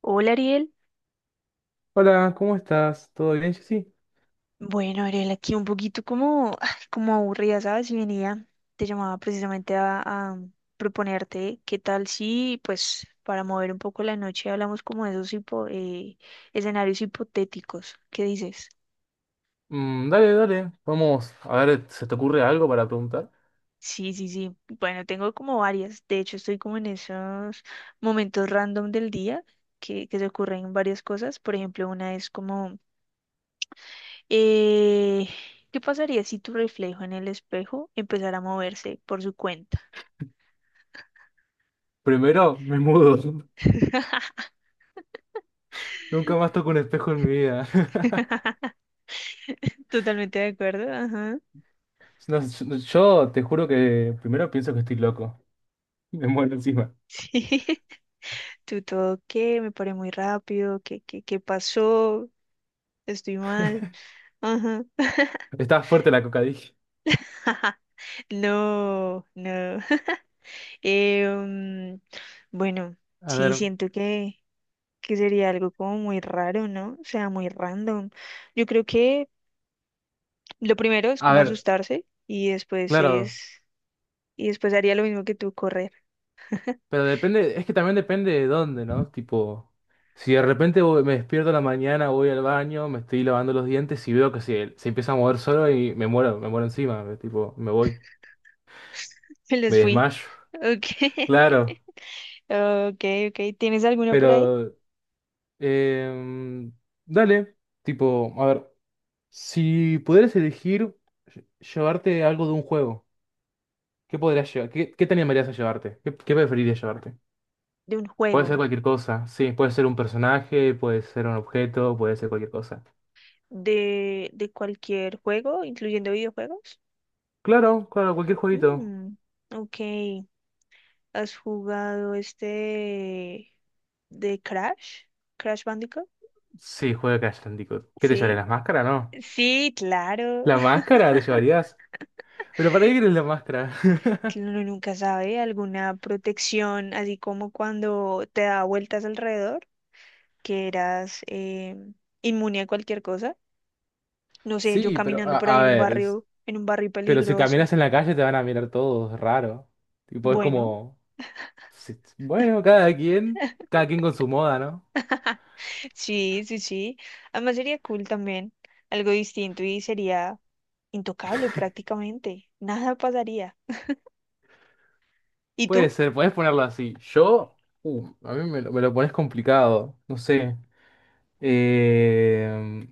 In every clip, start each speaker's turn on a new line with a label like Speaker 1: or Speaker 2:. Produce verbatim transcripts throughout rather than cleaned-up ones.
Speaker 1: Hola, Ariel.
Speaker 2: Hola, ¿cómo estás? ¿Todo bien, Jessy?
Speaker 1: Bueno, Ariel, aquí un poquito como, ay, como aburrida, ¿sabes? Y venía, te llamaba precisamente a, a proponerte qué tal si, pues, para mover un poco la noche hablamos como de esos hipo- eh, escenarios hipotéticos. ¿Qué dices?
Speaker 2: Mm, dale, dale. Vamos a ver, ¿se te ocurre algo para preguntar?
Speaker 1: Sí, sí, sí. Bueno, tengo como varias. De hecho, estoy como en esos momentos random del día que, que se ocurren varias cosas. Por ejemplo, una es como Eh, ¿qué pasaría si tu reflejo en el espejo empezara a moverse por su cuenta?
Speaker 2: Primero, me mudo. Nunca más toco un espejo en mi vida.
Speaker 1: Totalmente de acuerdo, ajá.
Speaker 2: No, yo, yo te juro que primero pienso que estoy loco. Me muero encima.
Speaker 1: Sí, tú todo, ¿qué? Me paré muy rápido, ¿qué, qué, qué pasó? Estoy mal, ajá.
Speaker 2: Está fuerte la coca, dije.
Speaker 1: No, no. Eh, mm, bueno,
Speaker 2: A
Speaker 1: sí,
Speaker 2: ver,
Speaker 1: siento que, que sería algo como muy raro, ¿no? O sea, muy random. Yo creo que lo primero es
Speaker 2: a
Speaker 1: como
Speaker 2: ver,
Speaker 1: asustarse y después
Speaker 2: claro,
Speaker 1: es... Y después haría lo mismo que tú, correr.
Speaker 2: pero depende, es que también depende de dónde, ¿no? Tipo, si de repente voy- me despierto a la mañana, voy al baño, me estoy lavando los dientes y veo que se, se empieza a mover solo y me muero, me muero encima, eh, tipo, me voy.
Speaker 1: Me les
Speaker 2: Me
Speaker 1: fui.
Speaker 2: desmayo.
Speaker 1: Ok.
Speaker 2: Claro,
Speaker 1: Ok, ok. ¿Tienes alguno por ahí?
Speaker 2: pero... em, dale, tipo, a ver, si pudieras elegir lle- llevarte algo de un juego, ¿qué podrías llevar? ¿Qué, qué te animarías a llevarte? ¿Qué, qué preferirías llevarte?
Speaker 1: De un
Speaker 2: Puede
Speaker 1: juego.
Speaker 2: ser cualquier cosa, sí, puede ser un personaje, puede ser un objeto, puede ser cualquier cosa.
Speaker 1: De, de cualquier juego, incluyendo videojuegos.
Speaker 2: Claro, claro, cualquier jueguito.
Speaker 1: Mm, ok. ¿Has jugado este de Crash? ¿Crash Bandicoot?
Speaker 2: Sí, juega Crash Bandicoot. ¿Qué te
Speaker 1: Sí.
Speaker 2: llevarías? ¿La máscara? No.
Speaker 1: Sí, claro.
Speaker 2: ¿La máscara te llevarías? ¿Pero para qué quieres la máscara?
Speaker 1: Uno nunca sabe. Alguna protección, así como cuando te da vueltas alrededor, que eras eh, inmune a cualquier cosa. No sé, yo
Speaker 2: Sí, pero
Speaker 1: caminando
Speaker 2: a,
Speaker 1: por ahí
Speaker 2: a
Speaker 1: en un
Speaker 2: ver. es-
Speaker 1: barrio, en un barrio
Speaker 2: Pero si
Speaker 1: peligroso.
Speaker 2: caminas en la calle te van a mirar todos, raro. Tipo, es
Speaker 1: Bueno,
Speaker 2: como, si- bueno, cada quien, cada quien con su moda, ¿no?
Speaker 1: sí, sí, sí. Además sería cool también, algo distinto y sería intocable prácticamente. Nada pasaría. ¿Y
Speaker 2: Puede
Speaker 1: tú?
Speaker 2: ser, puedes ponerlo así. Yo, uh, a mí me lo, me lo pones complicado, no sé. Eh,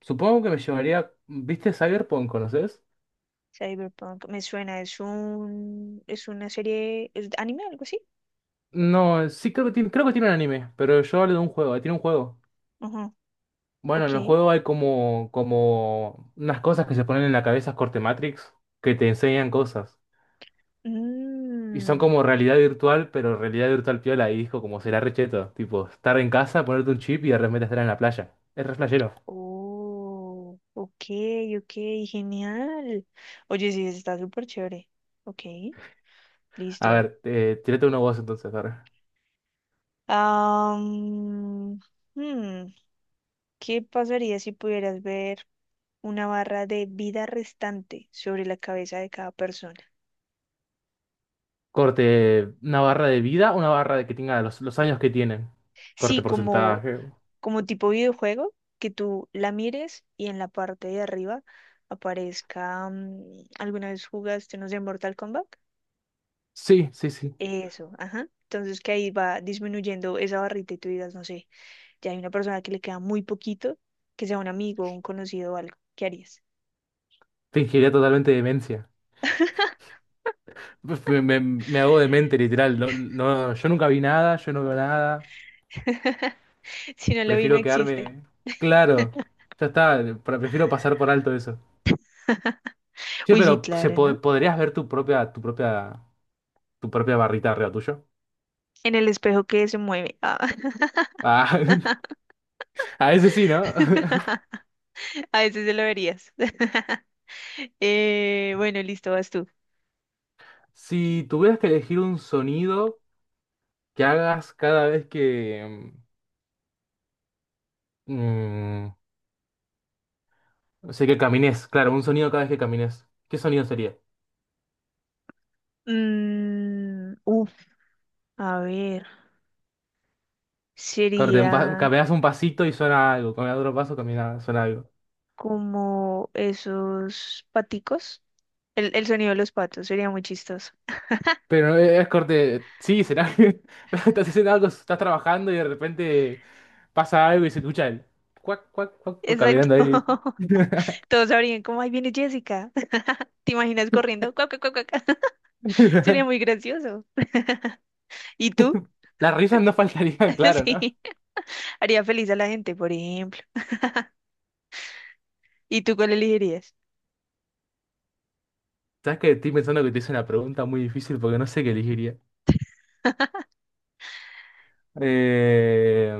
Speaker 2: supongo que me llevaría, ¿viste Cyberpunk? ¿Conoces?
Speaker 1: Cyberpunk me suena, es un, es una serie, es de anime, algo así.
Speaker 2: No, sí creo que tiene, creo que tiene un anime, pero yo hablo de un juego, tiene un juego.
Speaker 1: Ajá,
Speaker 2: Bueno,
Speaker 1: ok.
Speaker 2: en el juego hay como, como unas cosas que se ponen en la cabeza corte Matrix que te enseñan cosas. Y son
Speaker 1: Mm,
Speaker 2: como realidad virtual, pero realidad virtual piola. Y dijo como será recheto. Tipo, estar en casa, ponerte un chip y de repente estar en la playa. Es re flashero.
Speaker 1: oh, ok, ok, genial. Oye, sí, está súper chévere. Ok.
Speaker 2: A
Speaker 1: Listo.
Speaker 2: ver, eh, tirate uno vos entonces. A ver.
Speaker 1: Am, hmm, ¿qué pasaría si pudieras ver una barra de vida restante sobre la cabeza de cada persona?
Speaker 2: Corte, una barra de vida, una barra de que tenga los, los años que tienen. Corte
Speaker 1: Sí, como,
Speaker 2: porcentaje.
Speaker 1: como tipo videojuego, que tú la mires y en la parte de arriba aparezca, mm, ¿alguna vez jugaste, no sé, Mortal Kombat?
Speaker 2: Sí, sí, sí.
Speaker 1: Eso, ajá. Entonces que ahí va disminuyendo esa barrita y tú digas, no sé, ya hay una persona que le queda muy poquito, que sea un amigo, un conocido o algo. ¿Qué harías?
Speaker 2: Fingiría totalmente demencia. Pues, Me, me- me hago demente, literal. No, no, yo nunca vi nada, yo no veo nada.
Speaker 1: Si no lo vi, no
Speaker 2: Prefiero
Speaker 1: existe.
Speaker 2: quedarme. Claro, ya está. pre- Prefiero pasar por alto eso. Sí,
Speaker 1: Uy, sí,
Speaker 2: pero se
Speaker 1: claro, ¿no?
Speaker 2: po- podrías ver tu propia, tu propia, tu propia barrita arriba tuyo.
Speaker 1: En el espejo que se mueve. Ah.
Speaker 2: Ah, a ese sí, ¿no?
Speaker 1: A veces se lo verías. Eh, bueno, listo, vas tú.
Speaker 2: Si tuvieras que elegir un sonido que hagas cada vez que... mm, o sea, que camines, claro, un sonido cada vez que camines. ¿Qué sonido sería?
Speaker 1: Mm, uf, a ver,
Speaker 2: Corte, un pa-
Speaker 1: sería
Speaker 2: caminas un pasito y suena algo, caminas otro paso, camina, suena algo.
Speaker 1: como esos paticos. El, el sonido de los patos sería muy chistoso.
Speaker 2: Pero no es corte, sí, será que estás haciendo algo, estás trabajando y de repente pasa algo y se escucha el cuac, cuac, cuac, cuac,
Speaker 1: Exacto.
Speaker 2: caminando ahí.
Speaker 1: Todos sabrían como, ahí viene Jessica. ¿Te imaginas corriendo? Cuac, cuac, cuac, cuac. Sería muy gracioso. ¿Y tú?
Speaker 2: Las risas no faltarían, claro, ¿no?
Speaker 1: Sí, haría feliz a la gente, por ejemplo. ¿Y tú cuál elegirías?
Speaker 2: Sabes que estoy pensando que te hice una pregunta muy difícil porque no sé qué elegiría. Eh,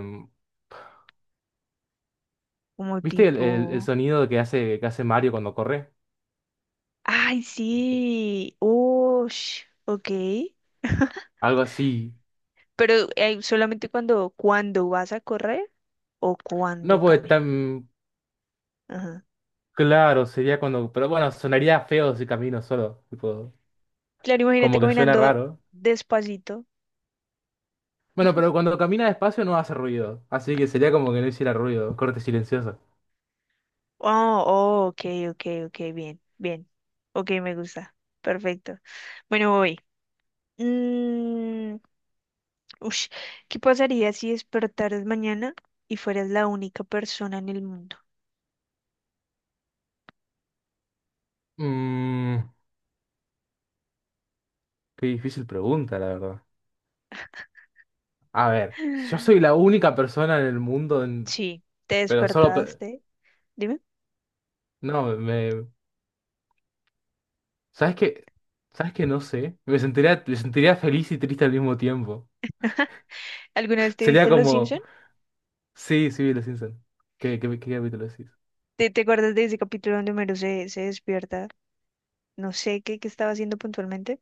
Speaker 1: Como
Speaker 2: ¿viste el, el- el
Speaker 1: tipo,
Speaker 2: sonido que hace, que hace Mario cuando corre?
Speaker 1: ay, sí, oh, ok.
Speaker 2: Algo así.
Speaker 1: Pero eh, solamente cuando, cuando vas a correr o cuando
Speaker 2: No puede
Speaker 1: caminas.
Speaker 2: tan
Speaker 1: Ajá.
Speaker 2: claro, sería cuando. Pero bueno, sonaría feo si camino solo. Tipo,
Speaker 1: Claro, imagínate
Speaker 2: como que suena
Speaker 1: caminando
Speaker 2: raro.
Speaker 1: despacito.
Speaker 2: Bueno, pero cuando camina despacio no hace ruido. Así que sería como que no hiciera ruido. Corte silencioso.
Speaker 1: Oh, oh, ok, ok, ok, bien, bien. Ok, me gusta. Perfecto. Bueno, voy. Mm, ush, ¿qué pasaría si despertaras mañana y fueras la única persona en el mundo?
Speaker 2: Mmm, qué difícil pregunta, la verdad. A ver, si yo soy la única persona en el mundo en...
Speaker 1: Sí, te
Speaker 2: Pero solo... pe-
Speaker 1: despertaste. Dime,
Speaker 2: no, me... ¿Sabes qué? ¿Sabes qué? No sé. Me sentiría, me sentiría feliz y triste al mismo tiempo.
Speaker 1: ¿alguna vez te
Speaker 2: Sería
Speaker 1: viste Los Simpson?
Speaker 2: como... Sí, sí, vi Los Simpson. ¿Qué, qué, qué capítulo decís?
Speaker 1: ¿Te, te acuerdas de ese capítulo donde Homero se, se despierta? No sé qué, qué estaba haciendo puntualmente.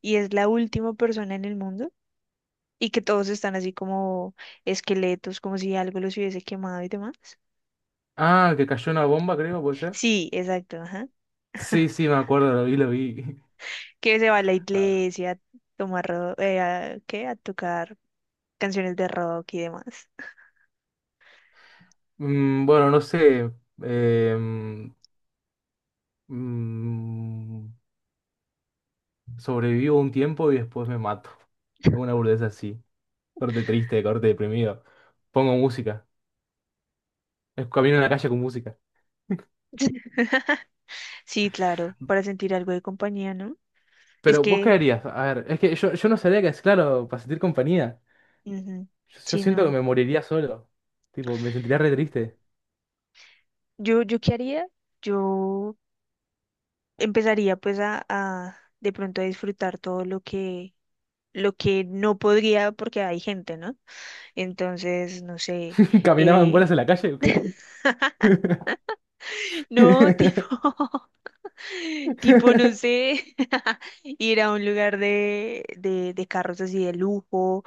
Speaker 1: Y es la última persona en el mundo. Y que todos están así como esqueletos, como si algo los hubiese quemado y demás.
Speaker 2: Ah, que cayó una bomba, creo, ¿puede ser?
Speaker 1: Sí, exacto, ajá.
Speaker 2: Sí, sí, me acuerdo, lo vi, lo vi.
Speaker 1: Que se va a la
Speaker 2: Ah,
Speaker 1: iglesia a tomar, ro- eh, a- ¿qué? A tocar canciones de rock y demás.
Speaker 2: mm, bueno, no sé. em, mm, sobrevivo un tiempo y después me mato. Una burdeza así. Corte triste, corte deprimido. Pongo música. Es- Camino en la calle con música.
Speaker 1: Sí, claro, para sentir algo de compañía, ¿no? Es
Speaker 2: Pero vos
Speaker 1: que,
Speaker 2: caerías, a ver, es que yo, yo no sabría que es claro para sentir compañía.
Speaker 1: ujú,
Speaker 2: Yo, yo
Speaker 1: sí,
Speaker 2: siento que
Speaker 1: no.
Speaker 2: me moriría solo. Tipo, me sentiría re triste.
Speaker 1: Yo, yo qué haría, yo empezaría pues a, a de pronto a disfrutar todo lo que, lo que no podría porque hay gente, ¿no? Entonces, no sé,
Speaker 2: ¿Caminaba en bolas
Speaker 1: eh,
Speaker 2: en la calle o qué?
Speaker 1: no, tipo, Tipo, no sé, ir a un lugar de, de, de carros así de lujo,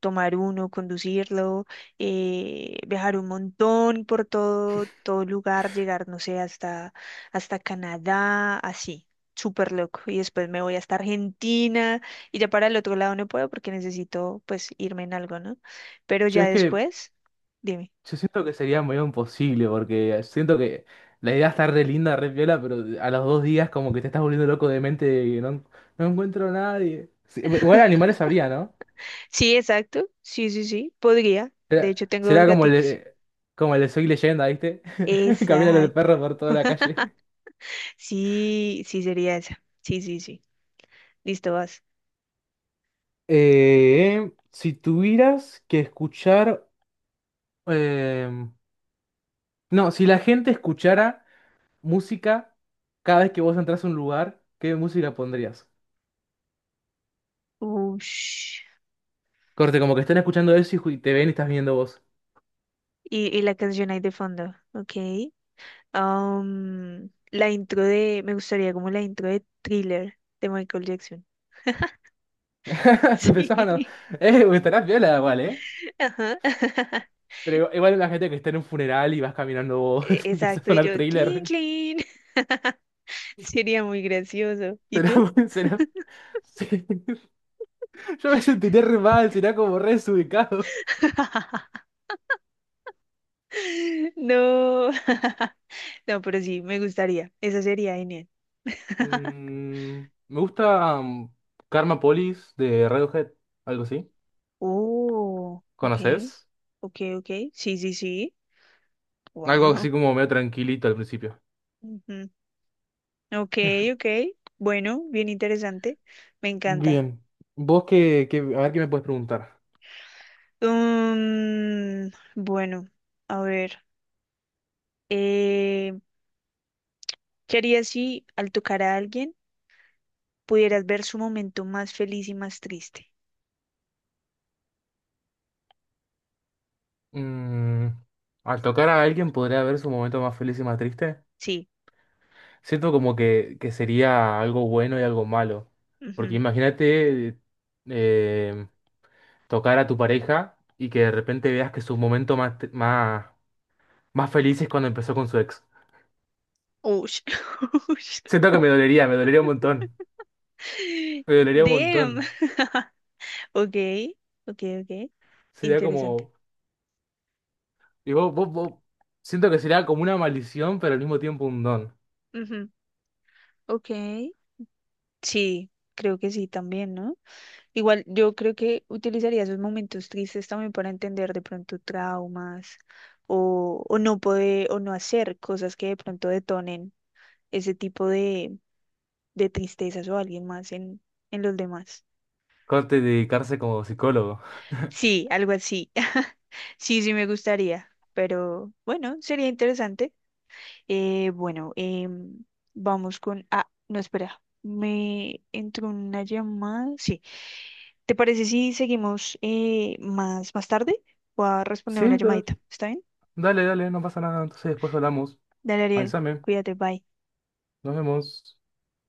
Speaker 1: tomar uno, conducirlo, eh, viajar un montón por todo, todo lugar, llegar, no sé, hasta, hasta Canadá, así, súper loco. Y después me voy hasta Argentina y ya para el otro lado no puedo porque necesito pues irme en algo, ¿no? Pero
Speaker 2: Yo
Speaker 1: ya
Speaker 2: es que
Speaker 1: después, dime.
Speaker 2: yo siento que sería medio imposible porque siento que la idea está re linda, re piola, pero a los dos días como que te estás volviendo loco de mente y no, no encuentro a nadie. Sí, igual animales habría, ¿no?
Speaker 1: Sí, exacto, sí, sí, sí, podría. De
Speaker 2: Será,
Speaker 1: hecho, tengo dos
Speaker 2: será como el,
Speaker 1: gaticos.
Speaker 2: de- como el de Soy Leyenda, ¿viste? Camina con el
Speaker 1: Exacto.
Speaker 2: perro por toda la calle.
Speaker 1: Sí, sí sería esa. Sí, sí, sí. Listo, vas.
Speaker 2: Eh, si tuvieras que escuchar, em, no, si la gente escuchara música cada vez que vos entras a un lugar, ¿qué música pondrías?
Speaker 1: Ush.
Speaker 2: Corte, como que están escuchando eso y ju- te ven y estás viendo vos.
Speaker 1: Y, y la canción ahí de fondo. Ok. Am, la intro de. Me gustaría como la intro de Thriller de Michael Jackson.
Speaker 2: Se empezaban a...
Speaker 1: Sí.
Speaker 2: Eh, estarás viola igual, ¿eh?
Speaker 1: Ajá.
Speaker 2: Pero igual la gente que está en un funeral y vas caminando vos,
Speaker 1: E-
Speaker 2: empieza a
Speaker 1: Exacto. Y
Speaker 2: sonar
Speaker 1: yo, clean,
Speaker 2: trailer.
Speaker 1: clean. Sería muy gracioso. ¿Y tú?
Speaker 2: Será, será... Sí. Yo me sentiré re mal, será como re desubicado.
Speaker 1: No. No, pero sí, me gustaría. Esa sería genial.
Speaker 2: Mm, me gusta mm, Karma Police de Radiohead, algo así.
Speaker 1: Oh, ok.
Speaker 2: ¿Conoces?
Speaker 1: Ok, ok. Sí, sí, sí.
Speaker 2: Algo
Speaker 1: Wow.
Speaker 2: así como medio tranquilito al principio.
Speaker 1: Ujú. Ok, ok. Bueno, bien interesante. Me encanta.
Speaker 2: Bien. ¿Vos qué, qué- a ver qué me puedes preguntar?
Speaker 1: Mm, bueno, a ver. eh, ¿qué harías si al tocar a alguien pudieras ver su momento más feliz y más triste?
Speaker 2: Mm, al tocar a alguien podría haber su momento más feliz y más triste.
Speaker 1: Sí.
Speaker 2: Siento como que, que sería algo bueno y algo malo. Porque
Speaker 1: Ujú.
Speaker 2: imagínate eh, tocar a tu pareja y que de repente veas que su momento más, t- más, más feliz es cuando empezó con su ex.
Speaker 1: Ush. Ush.
Speaker 2: Siento que me dolería, me dolería un montón. Me dolería un
Speaker 1: Damn.
Speaker 2: montón.
Speaker 1: Ok, ok, ok.
Speaker 2: Sería
Speaker 1: Interesante.
Speaker 2: como. Y vos- vos- vos- siento que sería como una maldición, pero al mismo tiempo un don.
Speaker 1: Ujú. Ok. Sí, creo que sí también, ¿no? Igual yo creo que utilizaría esos momentos tristes también para entender de pronto traumas o, o no poder o no hacer cosas que de pronto detonen ese tipo de, de tristezas o alguien más en, en los demás.
Speaker 2: Corte dedicarse como psicólogo.
Speaker 1: Sí, algo así. Sí, sí me gustaría, pero bueno, sería interesante. Eh, bueno, em, vamos con... Ah, no, espera, me entró una llamada. Sí. ¿Te parece si seguimos eh, más, más tarde? Voy a responder
Speaker 2: Sí,
Speaker 1: una
Speaker 2: da-
Speaker 1: llamadita. ¿Está bien?
Speaker 2: dale, dale, no pasa nada. Entonces después hablamos.
Speaker 1: Dale, Ariel.
Speaker 2: Avísame.
Speaker 1: Cuídate, bye.
Speaker 2: Nos vemos.